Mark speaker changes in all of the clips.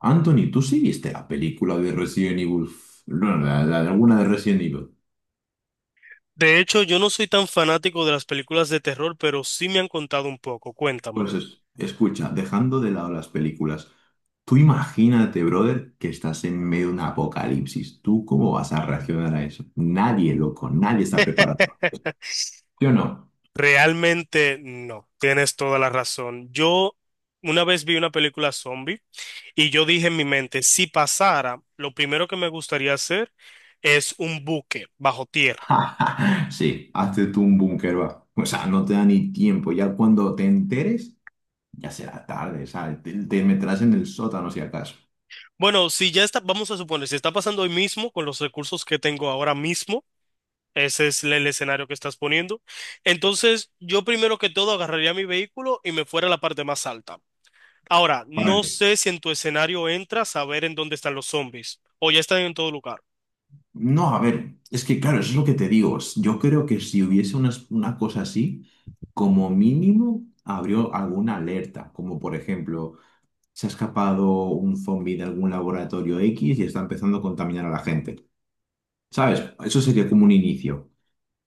Speaker 1: Anthony, ¿tú sí viste la película de Resident Evil? No, la de alguna de Resident Evil.
Speaker 2: De hecho, yo no soy tan fanático de las películas de terror, pero sí me han contado un poco. Cuéntame.
Speaker 1: Pues escucha, dejando de lado las películas, tú imagínate, brother, que estás en medio de un apocalipsis. ¿Tú cómo vas a reaccionar a eso? Nadie, loco, nadie está preparado. ¿Sí o no?
Speaker 2: Realmente no, tienes toda la razón. Yo una vez vi una película zombie y yo dije en mi mente, si pasara, lo primero que me gustaría hacer es un buque bajo tierra.
Speaker 1: Sí, hazte tú un búnker, va. O sea, no te da ni tiempo. Ya cuando te enteres, ya será tarde, ¿sabes? Te meterás en el sótano si acaso.
Speaker 2: Bueno, si ya está, vamos a suponer, si está pasando hoy mismo con los recursos que tengo ahora mismo, ese es el escenario que estás poniendo, entonces yo primero que todo agarraría mi vehículo y me fuera a la parte más alta. Ahora,
Speaker 1: ¿Para
Speaker 2: no
Speaker 1: qué?
Speaker 2: sé si en tu escenario entra saber en dónde están los zombies o ya están en todo lugar.
Speaker 1: No, a ver, es que claro, eso es lo que te digo. Yo creo que si hubiese una cosa así, como mínimo abrió alguna alerta, como por ejemplo, se ha escapado un zombie de algún laboratorio X y está empezando a contaminar a la gente. ¿Sabes? Eso sería como un inicio.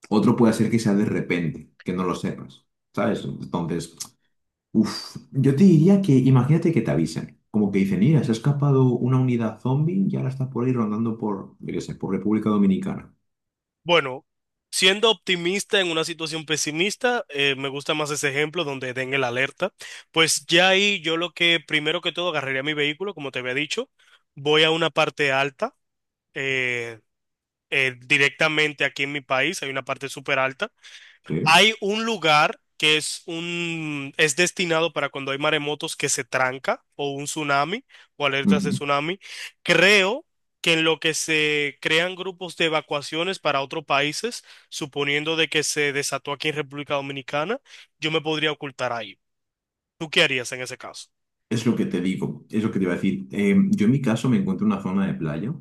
Speaker 1: Otro puede ser que sea de repente, que no lo sepas. ¿Sabes? Entonces, yo te diría que imagínate que te avisen. Como que dicen, mira, se ha escapado una unidad zombie y ahora está por ahí rondando por, yo qué sé, por República Dominicana.
Speaker 2: Bueno, siendo optimista en una situación pesimista, me gusta más ese ejemplo donde den el alerta. Pues ya ahí yo lo que primero que todo agarraría mi vehículo, como te había dicho, voy a una parte alta. eh, Directamente aquí en mi país hay una parte súper alta.
Speaker 1: ¿Sí?
Speaker 2: Hay un lugar que es un es destinado para cuando hay maremotos que se tranca o un tsunami o alertas de
Speaker 1: Ujú.
Speaker 2: tsunami. Creo que en lo que se crean grupos de evacuaciones para otros países, suponiendo de que se desató aquí en República Dominicana, yo me podría ocultar ahí. ¿Tú qué harías en ese caso?
Speaker 1: Es lo que te digo, es lo que te iba a decir. Yo en mi caso me encuentro en una zona de playa,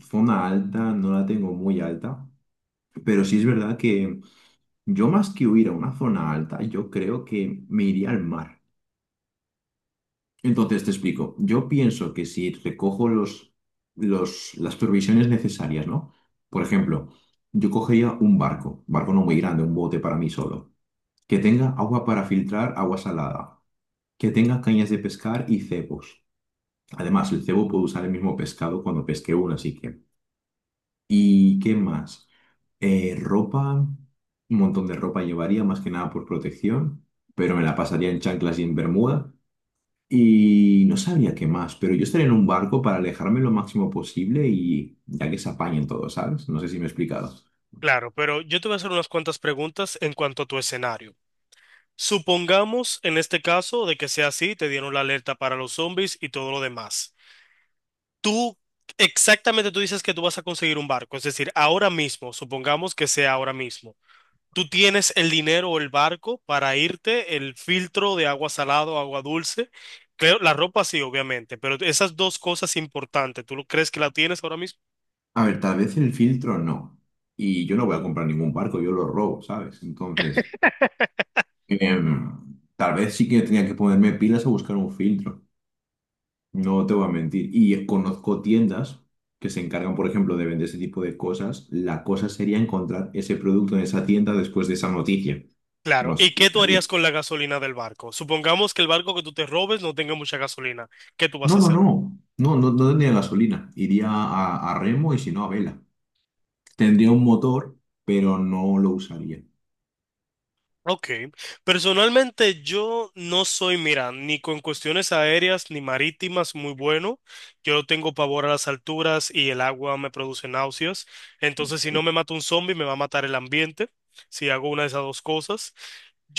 Speaker 1: zona alta, no la tengo muy alta, pero sí es verdad que yo más que huir a una zona alta, yo creo que me iría al mar. Entonces te explico, yo pienso que si recojo las provisiones necesarias, ¿no? Por ejemplo, yo cogería un barco, barco no muy grande, un bote para mí solo, que tenga agua para filtrar, agua salada, que tenga cañas de pescar y cepos. Además, el cebo puede usar el mismo pescado cuando pesque uno, así que. ¿Y qué más? Ropa, un montón de ropa llevaría, más que nada por protección, pero me la pasaría en chanclas y en bermuda. Y no sabría qué más, pero yo estaría en un barco para alejarme lo máximo posible y ya que se apañen todos, ¿sabes? No sé si me he explicado.
Speaker 2: Claro, pero yo te voy a hacer unas cuantas preguntas en cuanto a tu escenario. Supongamos en este caso de que sea así, te dieron la alerta para los zombies y todo lo demás. Tú, exactamente tú dices que tú vas a conseguir un barco, es decir, ahora mismo, supongamos que sea ahora mismo, tú tienes el dinero o el barco para irte, el filtro de agua salada o agua dulce, creo, la ropa sí, obviamente, pero esas dos cosas importantes, ¿tú lo crees que la tienes ahora mismo?
Speaker 1: A ver, tal vez el filtro no. Y yo no voy a comprar ningún barco, yo lo robo, ¿sabes? Entonces, tal vez sí que tenía que ponerme pilas a buscar un filtro. No te voy a mentir. Y conozco tiendas que se encargan, por ejemplo, de vender ese tipo de cosas. La cosa sería encontrar ese producto en esa tienda después de esa noticia.
Speaker 2: Claro,
Speaker 1: No sé
Speaker 2: ¿y
Speaker 1: si
Speaker 2: qué tú
Speaker 1: está bien.
Speaker 2: harías con la gasolina del barco? Supongamos que el barco que tú te robes no tenga mucha gasolina, ¿qué tú vas
Speaker 1: No,
Speaker 2: a
Speaker 1: no,
Speaker 2: hacer?
Speaker 1: no. No, no, no tendría gasolina. Iría a remo y si no a vela. Tendría un motor, pero no lo usaría.
Speaker 2: Ok, personalmente yo no soy, mira, ni con cuestiones aéreas ni marítimas muy bueno. Yo tengo pavor a las alturas y el agua me produce náuseas.
Speaker 1: O
Speaker 2: Entonces, si
Speaker 1: sea,
Speaker 2: no me mata un zombie, me va a matar el ambiente, si hago una de esas dos cosas.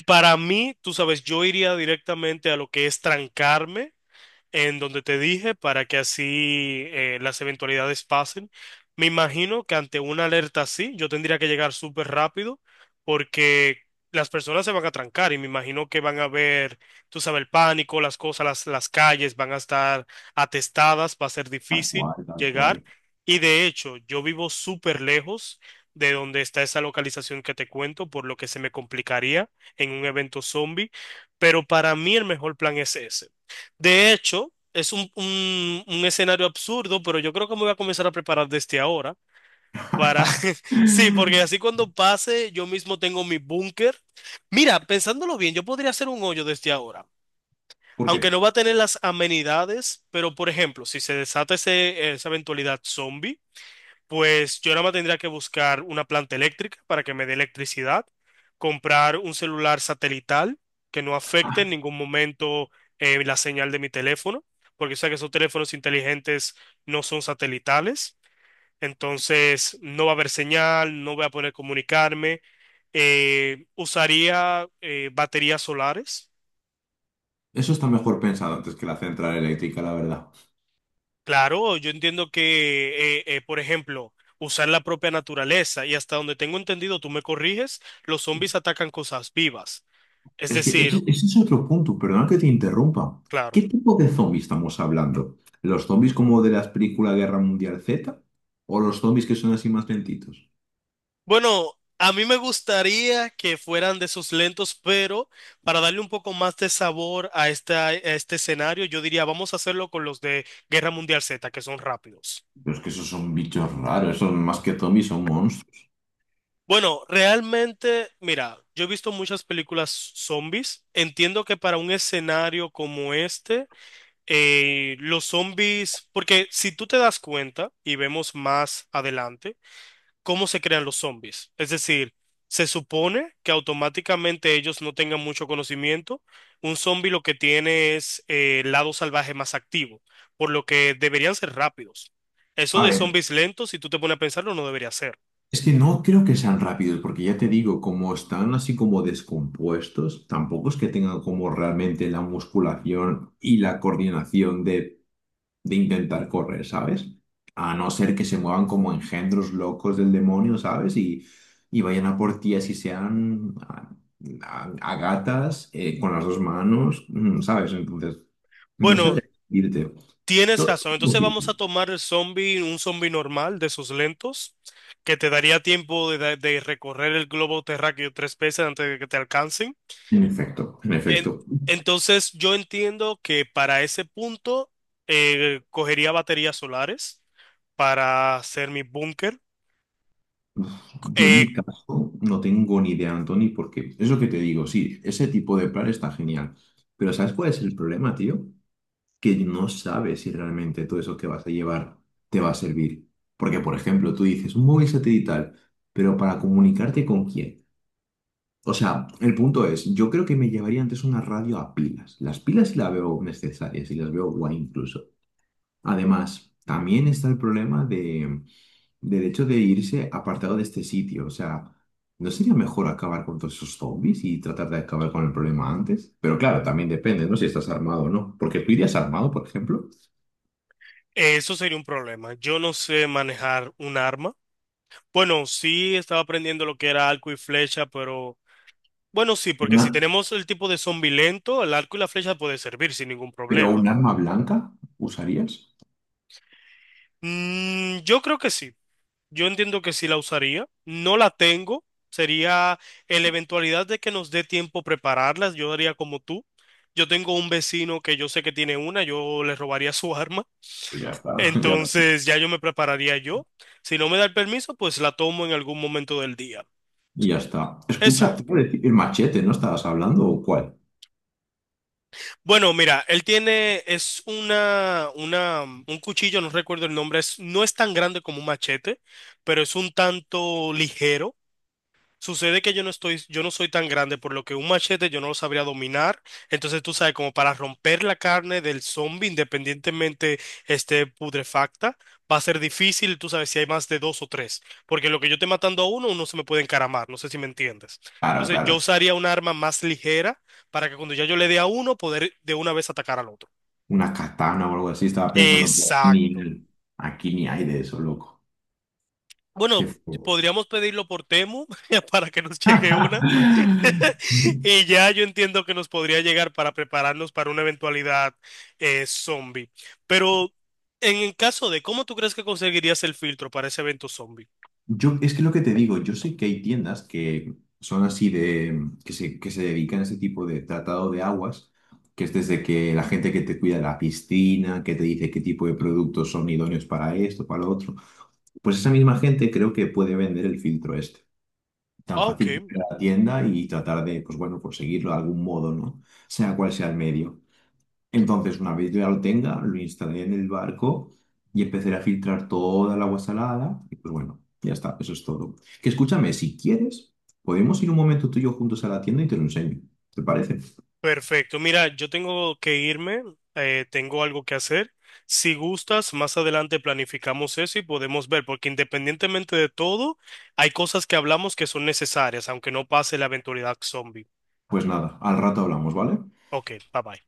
Speaker 2: Para mí, tú sabes, yo iría directamente a lo que es trancarme en donde te dije para que así las eventualidades pasen. Me imagino que ante una alerta así, yo tendría que llegar súper rápido porque las personas se van a trancar y me imagino que van a ver, tú sabes, el pánico, las cosas, las calles van a estar atestadas, va a ser
Speaker 1: tal
Speaker 2: difícil
Speaker 1: cual, tal
Speaker 2: llegar.
Speaker 1: cual.
Speaker 2: Y de hecho, yo vivo súper lejos de donde está esa localización que te cuento, por lo que se me complicaría en un evento zombie, pero para mí el mejor plan es ese. De hecho, es un, un escenario absurdo, pero yo creo que me voy a comenzar a preparar desde ahora para... Sí, porque así cuando pase, yo mismo tengo mi búnker. Mira, pensándolo bien, yo podría hacer un hoyo desde ahora.
Speaker 1: ¿Por
Speaker 2: Aunque no
Speaker 1: qué?
Speaker 2: va a tener las amenidades, pero por ejemplo, si se desata esa eventualidad zombie, pues yo nada más tendría que buscar una planta eléctrica para que me dé electricidad, comprar un celular satelital que no afecte en
Speaker 1: Ah,
Speaker 2: ningún momento la señal de mi teléfono, porque sé que esos teléfonos inteligentes no son satelitales, entonces no va a haber señal, no voy a poder comunicarme. Usaría baterías solares.
Speaker 1: eso está mejor pensado antes que la central eléctrica, la verdad.
Speaker 2: Claro, yo entiendo que, por ejemplo, usar la propia naturaleza y hasta donde tengo entendido, tú me corriges, los zombies atacan cosas vivas. Es
Speaker 1: Es que
Speaker 2: decir,
Speaker 1: ese es otro punto, perdona que te interrumpa.
Speaker 2: claro.
Speaker 1: ¿Qué tipo de zombies estamos hablando? ¿Los zombies como de las películas Guerra Mundial Z? ¿O los zombies que son así más lentitos?
Speaker 2: Bueno, a mí me gustaría que fueran de esos lentos, pero para darle un poco más de sabor a, a este escenario, yo diría, vamos a hacerlo con los de Guerra Mundial Z, que son rápidos.
Speaker 1: Pero es que esos son bichos raros, esos más que zombies son monstruos.
Speaker 2: Bueno, realmente, mira, yo he visto muchas películas zombies. Entiendo que para un escenario como este... los zombies, porque si tú te das cuenta y vemos más adelante, cómo se crean los zombies. Es decir, se supone que automáticamente ellos no tengan mucho conocimiento. Un zombie lo que tiene es el lado salvaje más activo, por lo que deberían ser rápidos. Eso
Speaker 1: A
Speaker 2: de
Speaker 1: ver,
Speaker 2: zombies lentos, si tú te pones a pensarlo, no debería ser.
Speaker 1: es que no creo que sean rápidos, porque ya te digo, como están así como descompuestos, tampoco es que tengan como realmente la musculación y la coordinación de intentar correr, ¿sabes? A no ser que se muevan como engendros locos del demonio, ¿sabes? Y vayan a por ti así sean a gatas, con las dos manos, mm, ¿sabes? Entonces, no
Speaker 2: Bueno,
Speaker 1: sabría decirte.
Speaker 2: tienes
Speaker 1: Todo
Speaker 2: razón.
Speaker 1: es
Speaker 2: Entonces vamos
Speaker 1: posible.
Speaker 2: a tomar el zombie, un zombie normal de esos lentos, que te daría tiempo de, de recorrer el globo terráqueo tres veces antes de que te alcancen.
Speaker 1: En efecto, en
Speaker 2: En-
Speaker 1: efecto.
Speaker 2: entonces yo entiendo que para ese punto cogería baterías solares para hacer mi búnker.
Speaker 1: Uf, yo en
Speaker 2: Eh,
Speaker 1: mi caso no tengo ni idea, Anthony, porque es lo que te digo, sí, ese tipo de plan está genial. Pero ¿sabes cuál es el problema, tío? Que no sabes si realmente todo eso que vas a llevar te va a servir. Porque, por ejemplo, tú dices un móvil satelital, pero para comunicarte con quién. O sea, el punto es, yo creo que me llevaría antes una radio a pilas. Las pilas sí las veo necesarias y las veo guay incluso. Además, también está el problema de, del hecho de irse apartado de este sitio. O sea, ¿no sería mejor acabar con todos esos zombies y tratar de acabar con el problema antes? Pero claro, también depende, ¿no? Si estás armado o no. Porque tú irías armado, por ejemplo.
Speaker 2: Eso sería un problema. Yo no sé manejar un arma. Bueno, sí estaba aprendiendo lo que era arco y flecha, pero bueno, sí, porque si
Speaker 1: Una-
Speaker 2: tenemos el tipo de zombie lento, el arco y la flecha puede servir sin ningún
Speaker 1: ¿Pero
Speaker 2: problema.
Speaker 1: un arma blanca usarías?
Speaker 2: Mm, yo creo que sí. Yo entiendo que sí la usaría. No la tengo. Sería en la eventualidad de que nos dé tiempo prepararlas. Yo haría como tú. Yo tengo un vecino que yo sé que tiene una. Yo le robaría su arma.
Speaker 1: Pues ya está, ya,
Speaker 2: Entonces ya yo me prepararía yo. Si no me da el permiso, pues la tomo en algún momento del día.
Speaker 1: y ya está. Escucha, te
Speaker 2: Exacto.
Speaker 1: iba a decir, el machete, ¿no estabas hablando o cuál?
Speaker 2: Bueno, mira, él tiene, es una, un cuchillo, no recuerdo el nombre, es, no es tan grande como un machete, pero es un tanto ligero. Sucede que yo no estoy, yo no soy tan grande, por lo que un machete yo no lo sabría dominar. Entonces, tú sabes, como para romper la carne del zombie, independientemente esté putrefacta, va a ser difícil, tú sabes, si hay más de dos o tres. Porque lo que yo esté matando a uno, uno se me puede encaramar. No sé si me entiendes.
Speaker 1: Claro,
Speaker 2: Entonces, yo
Speaker 1: claro.
Speaker 2: usaría un arma más ligera para que cuando ya yo le dé a uno, poder de una vez atacar al otro.
Speaker 1: Una katana o algo así, estaba pensando, pues,
Speaker 2: Exacto.
Speaker 1: ni, aquí ni hay de eso, loco. Qué
Speaker 2: Bueno,
Speaker 1: fuego.
Speaker 2: podríamos pedirlo por Temu para que nos llegue una. Y ya yo entiendo que nos podría llegar para prepararnos para una eventualidad zombie. Pero en el caso de, ¿cómo tú crees que conseguirías el filtro para ese evento zombie?
Speaker 1: Yo, es que lo que te digo, yo sé que hay tiendas que son así de, que se dedican a ese tipo de tratado de aguas, que es desde que la gente que te cuida la piscina, que te dice qué tipo de productos son idóneos para esto, para lo otro, pues esa misma gente creo que puede vender el filtro este. Tan
Speaker 2: Ah, ok,
Speaker 1: fácil que ir a la tienda y tratar de, pues bueno, conseguirlo de algún modo, ¿no? Sea cual sea el medio. Entonces, una vez ya lo tenga, lo instalaré en el barco y empezaré a filtrar toda el agua salada. Y pues bueno, ya está, eso es todo. Que escúchame, si quieres, podemos ir un momento tú y yo juntos a la tienda y te lo enseño. ¿Te parece?
Speaker 2: perfecto. Mira, yo tengo que irme, tengo algo que hacer. Si gustas, más adelante planificamos eso y podemos ver, porque independientemente de todo, hay cosas que hablamos que son necesarias, aunque no pase la eventualidad zombie.
Speaker 1: Pues nada, al rato hablamos, ¿vale?
Speaker 2: Ok, bye bye.